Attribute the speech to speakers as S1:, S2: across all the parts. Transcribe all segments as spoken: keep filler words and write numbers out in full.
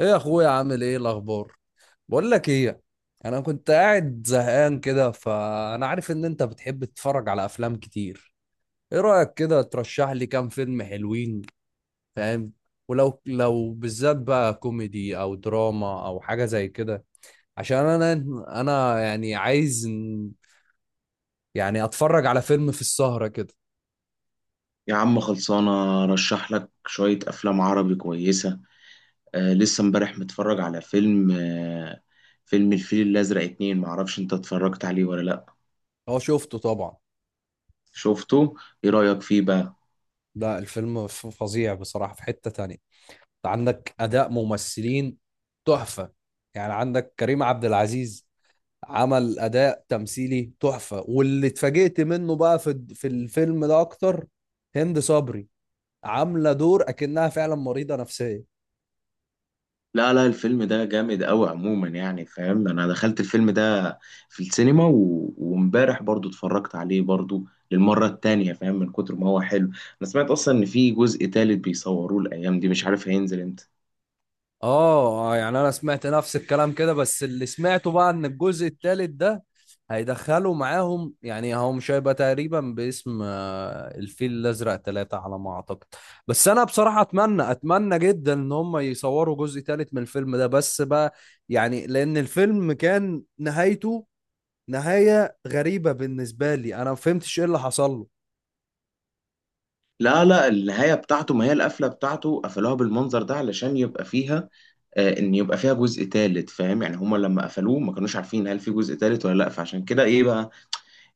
S1: ايه، يا اخويا، عامل ايه؟ الاخبار؟ بقول لك ايه. انا كنت قاعد زهقان كده، فانا عارف ان انت بتحب تتفرج على افلام كتير. ايه رايك كده ترشح لي كام فيلم حلوين؟ فاهم؟ ولو لو بالذات بقى كوميدي او دراما او حاجه زي كده، عشان انا انا يعني عايز ن- يعني اتفرج على فيلم في السهره كده.
S2: يا عم خلصانة رشح لك شوية أفلام عربي كويسة. آه، لسه امبارح متفرج على فيلم آه فيلم الفيل الأزرق اتنين، معرفش انت اتفرجت عليه ولا لأ.
S1: هو شفته طبعا.
S2: شفته؟ ايه رأيك فيه بقى؟
S1: ده الفيلم ف- فظيع بصراحه، في حته تانية عندك اداء ممثلين تحفه. يعني عندك كريم عبد العزيز عمل اداء تمثيلي تحفه، واللي اتفاجئت منه بقى في في الفيلم ده اكتر، هند صبري عامله دور اكنها فعلا مريضه نفسيه.
S2: لا لا، الفيلم ده جامد أوي عموما، يعني فاهم، أنا دخلت الفيلم ده في السينما و... وامبارح برضو اتفرجت عليه برضو للمرة التانية، فاهم، من كتر ما هو حلو. أنا سمعت أصلا إن في جزء تالت بيصوروه الأيام دي، مش عارف هينزل امتى.
S1: اه، آه، يعني انا سمعت نفس الكلام كده، بس اللي سمعته بقى ان الجزء الثالث ده هيدخلوا معاهم، يعني هو مش هيبقى تقريبا باسم آه، الفيل الازرق ثلاثة على ما اعتقد. بس انا بصراحة اتمنى اتمنى جدا ان هم يصوروا جزء ثالث من الفيلم ده، بس بقى يعني لان الفيلم كان نهايته نهاية غريبة بالنسبة لي، انا ما فهمتش ايه اللي حصل له.
S2: لا لا، النهاية بتاعته، ما هي القفلة بتاعته قفلوها بالمنظر ده علشان يبقى فيها آه، ان يبقى فيها جزء تالت، فاهم، يعني هما لما قفلوه ما كانوش عارفين هل في جزء تالت ولا لا، فعشان كده ايه بقى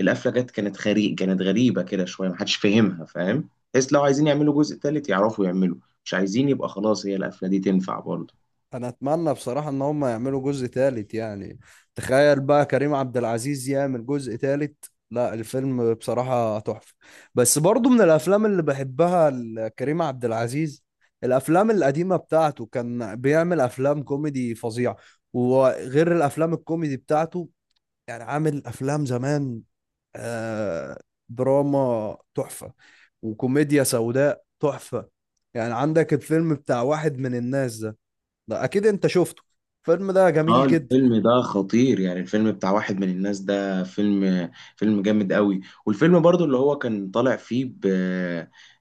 S2: القفلة جت كانت غريب، كانت غريبة كده شوية، ما حدش فاهمها، فاهم، بس لو عايزين يعملوا جزء تالت يعرفوا يعملوا، مش عايزين يبقى خلاص هي القفلة دي تنفع برضه.
S1: انا اتمنى بصراحة ان هم يعملوا جزء تالت، يعني تخيل بقى كريم عبد العزيز يعمل جزء تالت. لا، الفيلم بصراحة تحفة. بس برضو من الافلام اللي بحبها ل- كريم عبد العزيز الافلام القديمة بتاعته، كان بيعمل افلام كوميدي فظيعة. وغير الافلام الكوميدي بتاعته، يعني عامل افلام زمان آه، دراما تحفة، وكوميديا سوداء تحفة. يعني عندك الفيلم بتاع واحد من الناس ده، ده اكيد انت شفته، الفيلم ده
S2: اه
S1: جميل جدا.
S2: الفيلم ده خطير، يعني الفيلم بتاع واحد من الناس ده فيلم فيلم جامد قوي. والفيلم برضو اللي هو كان طالع فيه ب...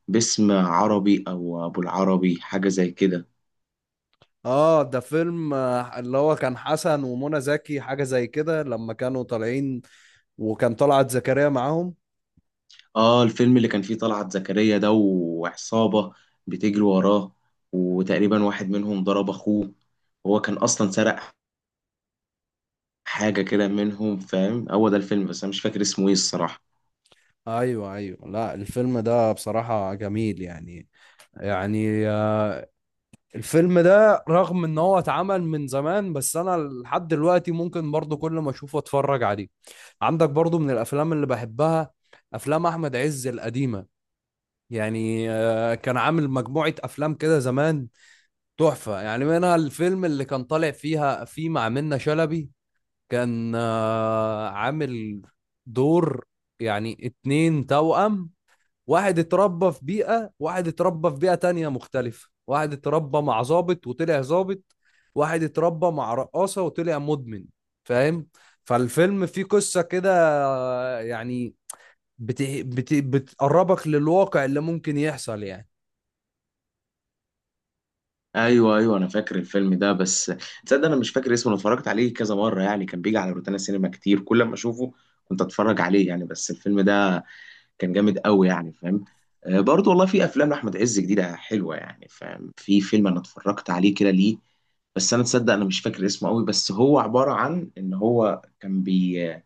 S2: باسم عربي او ابو العربي حاجة زي كده.
S1: اه، ده فيلم آه، اللي هو كان حسن ومنى زكي حاجة زي كده لما كانوا طالعين، وكان طلعت زكريا معاهم.
S2: اه الفيلم اللي كان فيه طلعت زكريا ده، وعصابة بتجري وراه، وتقريبا واحد منهم ضرب اخوه، وهو كان اصلا سرق حاجة كده منهم، فاهم، هو ده الفيلم، بس انا مش فاكر اسمه ايه الصراحة.
S1: ايوه ايوه، لا الفيلم ده بصراحة جميل يعني، يعني آه، الفيلم ده رغم ان هو اتعمل من زمان، بس انا لحد دلوقتي ممكن برضو كل ما اشوفه اتفرج عليه. عندك برضو من الافلام اللي بحبها افلام احمد عز القديمة، يعني آه، كان عامل مجموعة افلام كده زمان تحفة، يعني منها الفيلم اللي كان طالع فيها فيه مع منة شلبي. كان آه، عامل دور يعني اتنين توأم، واحد اتربى في بيئة، واحد اتربى في بيئة تانية مختلفة، واحد اتربى مع ضابط وطلع ضابط، واحد اتربى مع رقاصة وطلع مدمن. فاهم؟ فالفيلم فيه قصة كده آه، يعني بت... بت... بتقربك للواقع اللي ممكن يحصل يعني.
S2: ايوه ايوه، انا فاكر الفيلم ده، بس تصدق انا مش فاكر اسمه. انا اتفرجت عليه كذا مره يعني، كان بيجي على روتانا سينما كتير، كل ما اشوفه كنت اتفرج عليه يعني، بس الفيلم ده كان جامد قوي يعني فاهم. آه، برضه والله في افلام لاحمد عز جديده حلوه يعني فاهم. في فيلم انا اتفرجت عليه كده ليه، بس انا تصدق انا مش فاكر اسمه قوي، بس هو عباره عن ان هو كان بي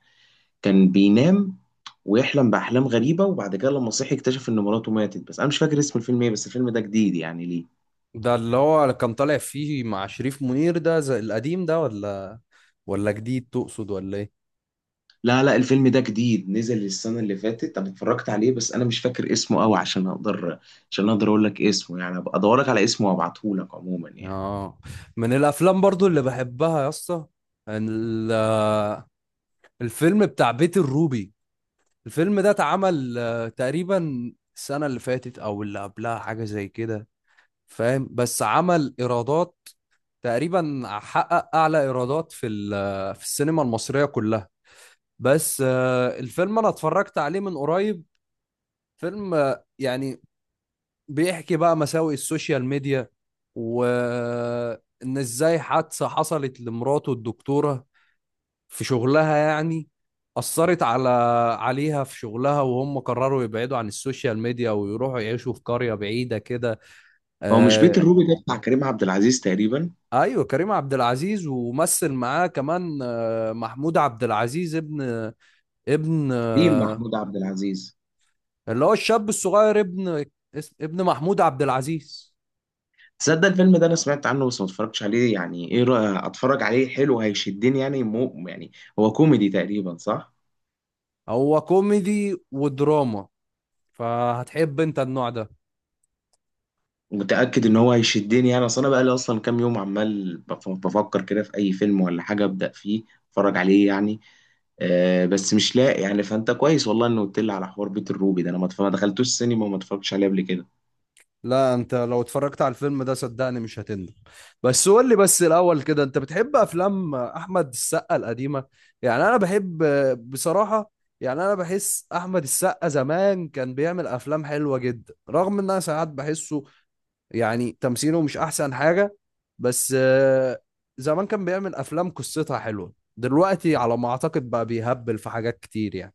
S2: كان بينام ويحلم باحلام غريبه، وبعد كده لما صحي اكتشف ان مراته ماتت، بس انا مش فاكر اسم الفيلم ايه، بس الفيلم ده جديد يعني ليه.
S1: ده اللي هو كان طالع فيه مع شريف منير، ده زي القديم ده، ولا ولا جديد تقصد ولا ايه؟
S2: لا لا، الفيلم ده جديد، نزل السنة اللي فاتت، أنا اتفرجت عليه، بس أنا مش فاكر اسمه أوي عشان أقدر عشان أقدر أقول لك اسمه، يعني أبقى أدورك على اسمه وأبعته لك عموما يعني.
S1: اه، من الافلام برضو اللي بحبها يا اسطى، ال- الفيلم بتاع بيت الروبي. الفيلم ده اتعمل آه، تقريبا السنة اللي فاتت او اللي قبلها حاجة زي كده، فاهم؟ بس عمل ايرادات، تقريبا حقق اعلى ايرادات في ال- آه، في السينما المصرية كلها. بس آه، الفيلم انا اتفرجت عليه من قريب. فيلم آه، يعني بيحكي بقى مساوئ السوشيال ميديا، وإن إزاي حادثة حصلت لمراته الدكتورة في شغلها، يعني أثرت على عليها في شغلها، وهم قرروا يبعدوا عن السوشيال ميديا ويروحوا يعيشوا في قرية بعيدة كده.
S2: هو مش بيت
S1: آه،
S2: الروبي ده بتاع كريم عبد العزيز تقريبا؟
S1: أيوة، كريم عبد العزيز، ومثل معاه كمان آه محمود عبد العزيز، ابن ابن
S2: كريم
S1: آه
S2: محمود عبد العزيز.
S1: اللي هو الشاب الصغير، ابن اسم- ابن محمود عبد العزيز.
S2: تصدق الفيلم ده أنا سمعت عنه بس ما اتفرجتش عليه، يعني إيه رأيك أتفرج عليه؟ حلو؟ هيشدني يعني؟ مو يعني هو كوميدي تقريبا صح؟
S1: هو كوميدي ودراما، فهتحب انت النوع ده.
S2: متأكد إن هو هيشدني؟ يعني أصل أنا بقالي أصلا كام يوم عمال بف- بفكر كده في أي فيلم ولا حاجة أبدأ فيه، أتفرج عليه يعني. آه، بس مش لاقي يعني، فانت كويس والله انه قلت لي على حوار بيت الروبي ده، انا ما اتف- ما دخلتوش السينما وما اتفرجتش عليه قبل كده.
S1: لا، انت لو اتفرجت على الفيلم ده صدقني مش هتندم. بس قول لي بس الاول كده، انت بتحب افلام احمد السقا القديمه؟ يعني انا بحب بصراحه، يعني انا بحس احمد السقا زمان كان بيعمل افلام حلوه جدا، رغم ان انا ساعات بحسه يعني تمثيله مش احسن حاجه. بس آه، زمان كان بيعمل افلام قصتها حلوه، دلوقتي على ما اعتقد بقى بيهبل في حاجات كتير يعني.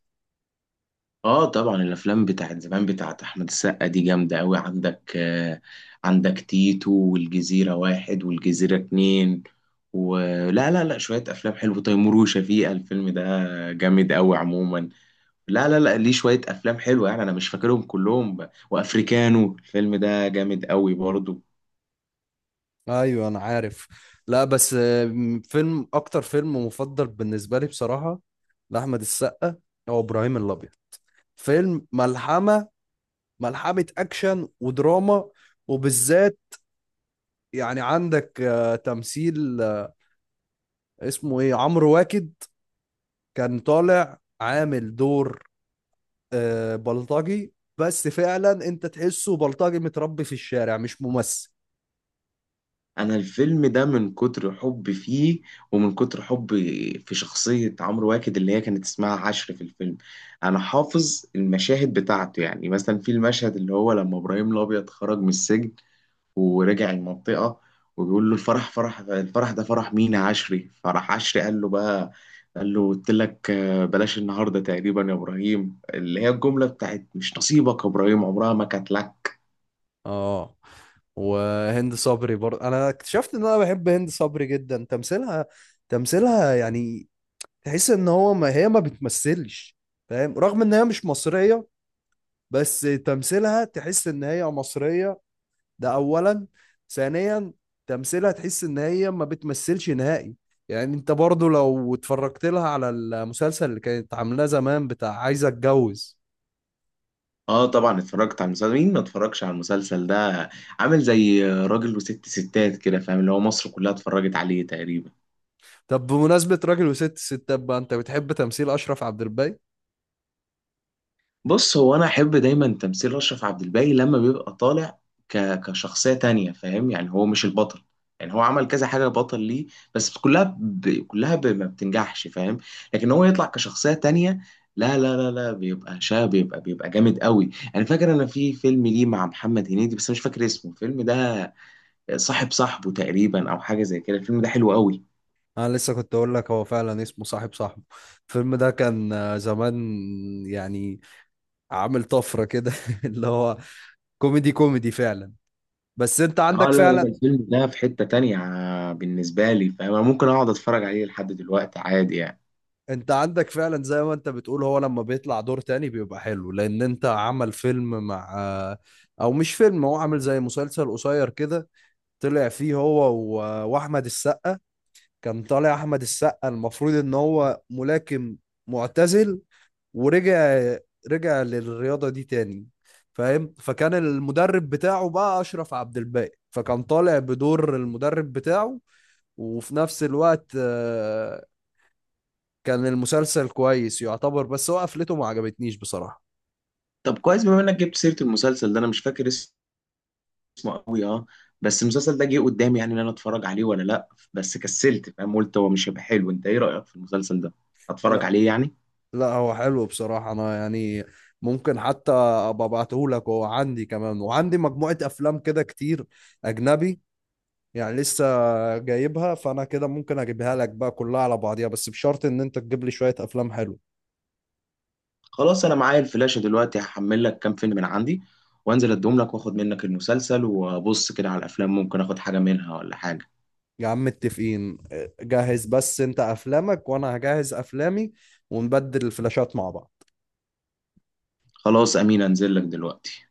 S2: اه طبعا الافلام بتاعت زمان بتاعت احمد السقا دي جامده قوي. عندك آه، عندك تيتو، والجزيره واحد، والجزيره اتنين، ولا لا لا شويه افلام حلوه، تيمور وشفيقه، الفيلم ده جامد قوي عموما. لا لا لا ليه شويه افلام حلوه يعني، انا مش فاكرهم كلهم، وافريكانو الفيلم ده جامد قوي برضه.
S1: ايوه انا عارف. لا بس آه، فيلم، اكتر فيلم مفضل بالنسبه لي بصراحه لاحمد السقا هو ابراهيم الابيض. فيلم ملحمه، ملحمه اكشن ودراما. وبالذات يعني عندك آه، تمثيل آه، اسمه ايه، عمرو واكد، كان طالع عامل دور آه، بلطجي، بس فعلا انت تحسه بلطجي متربي في الشارع مش ممثل.
S2: انا الفيلم ده من كتر حبي فيه، ومن كتر حبي في شخصية عمرو واكد اللي هي كانت اسمها عشر في الفيلم، انا حافظ المشاهد بتاعته. يعني مثلا في المشهد اللي هو لما ابراهيم الابيض خرج من السجن ورجع المنطقة، وبيقول له الفرح، فرح الفرح ده فرح مين يا عشري؟ فرح عشري، قال له بقى، قال له قلت لك آه، بلاش النهارده تقريبا يا ابراهيم، اللي هي الجملة بتاعت مش نصيبك يا ابراهيم، عمرها ما كانت لك.
S1: اه، وهند صبري برضه انا اكتشفت ان انا بحب هند صبري جدا تمثيلها. تمثيلها يعني تحس ان هو ما هي ما بتمثلش، فاهم؟ رغم ان هي مش مصرية، بس تمثيلها تحس ان هي مصرية. ده اولا. ثانيا، تمثيلها تحس ان هي ما بتمثلش نهائي. يعني انت برضه لو اتفرجت لها على المسلسل اللي كانت عاملاه زمان بتاع عايزة اتجوز.
S2: اه طبعا اتفرجت على المسلسل، مين ما اتفرجش على المسلسل ده، عامل زي راجل وست ستات كده فاهم، اللي هو مصر كلها اتفرجت عليه تقريبا.
S1: طب بمناسبة راجل وست ستات بقى، انت بتحب تمثيل اشرف عبد الباقي؟
S2: بص هو انا احب دايما تمثيل اشرف عبد الباقي لما بيبقى طالع ك... كشخصية تانية، فاهم يعني هو مش البطل، يعني هو عمل كذا حاجة بطل ليه بس كلها ب... كلها ب... ما بتنجحش، فاهم، لكن هو يطلع كشخصية تانية. لا لا لا لا بيبقى شاب، بيبقى بيبقى جامد قوي. انا فاكر انا في فيلم ليه مع محمد هنيدي بس مش فاكر اسمه الفيلم ده، صاحب صاحبه تقريبا او حاجه زي كده، الفيلم ده حلو قوي.
S1: انا لسه كنت اقول لك هو فعلا اسمه صاحب صاحبه. الفيلم ده كان آه، زمان يعني عامل طفرة كده اللي هو كوميدي كوميدي فعلا. بس انت
S2: اه
S1: عندك
S2: لا، لا
S1: فعلا
S2: الفيلم ده في حته تانية بالنسبه لي، فانا ممكن اقعد اتفرج عليه لحد دلوقتي عادي يعني.
S1: انت عندك فعلا زي ما انت بتقول، هو لما بيطلع دور تاني بيبقى حلو، لان انت عمل فيلم مع آه، او مش فيلم، هو عامل زي مسلسل قصير كده طلع فيه هو و- واحمد السقا. كان طالع احمد السقا المفروض ان هو ملاكم معتزل، ورجع رجع للرياضة دي تاني. فاهم؟ فكان المدرب بتاعه بقى أشرف عبد الباقي، فكان طالع بدور المدرب بتاعه، وفي نفس الوقت آه، كان المسلسل كويس يعتبر، بس هو قفلته ما عجبتنيش بصراحة.
S2: طب كويس بما انك جبت سيره المسلسل ده، انا مش فاكر اسمه قوي، اه، بس المسلسل ده جه قدامي يعني ان انا اتفرج عليه ولا لا، بس كسلت، فاهم، قلت هو مش هيبقى حلو، انت ايه رايك في المسلسل ده؟ اتفرج
S1: لا
S2: عليه يعني؟
S1: لا، هو حلو بصراحة، أنا يعني ممكن حتى أبقى أبعته لك، هو عندي، كمان وعندي مجموعة أفلام كده كتير أجنبي، يعني لسه جايبها، فأنا كده ممكن أجيبها لك بقى كلها على بعضيها، بس بشرط إن أنت تجيب لي شوية أفلام حلوة.
S2: خلاص انا معايا الفلاشه دلوقتي، هحمل لك كام فيلم من عندي وانزل اديهم لك واخد منك المسلسل، وابص كده على الافلام ممكن اخد حاجه منها ولا حاجه.
S1: يا عم متفقين، آه، جهز بس انت افلامك وانا هجهز افلامي، ونبدل الفلاشات مع بعض.
S2: خلاص امين، انزل لك دلوقتي.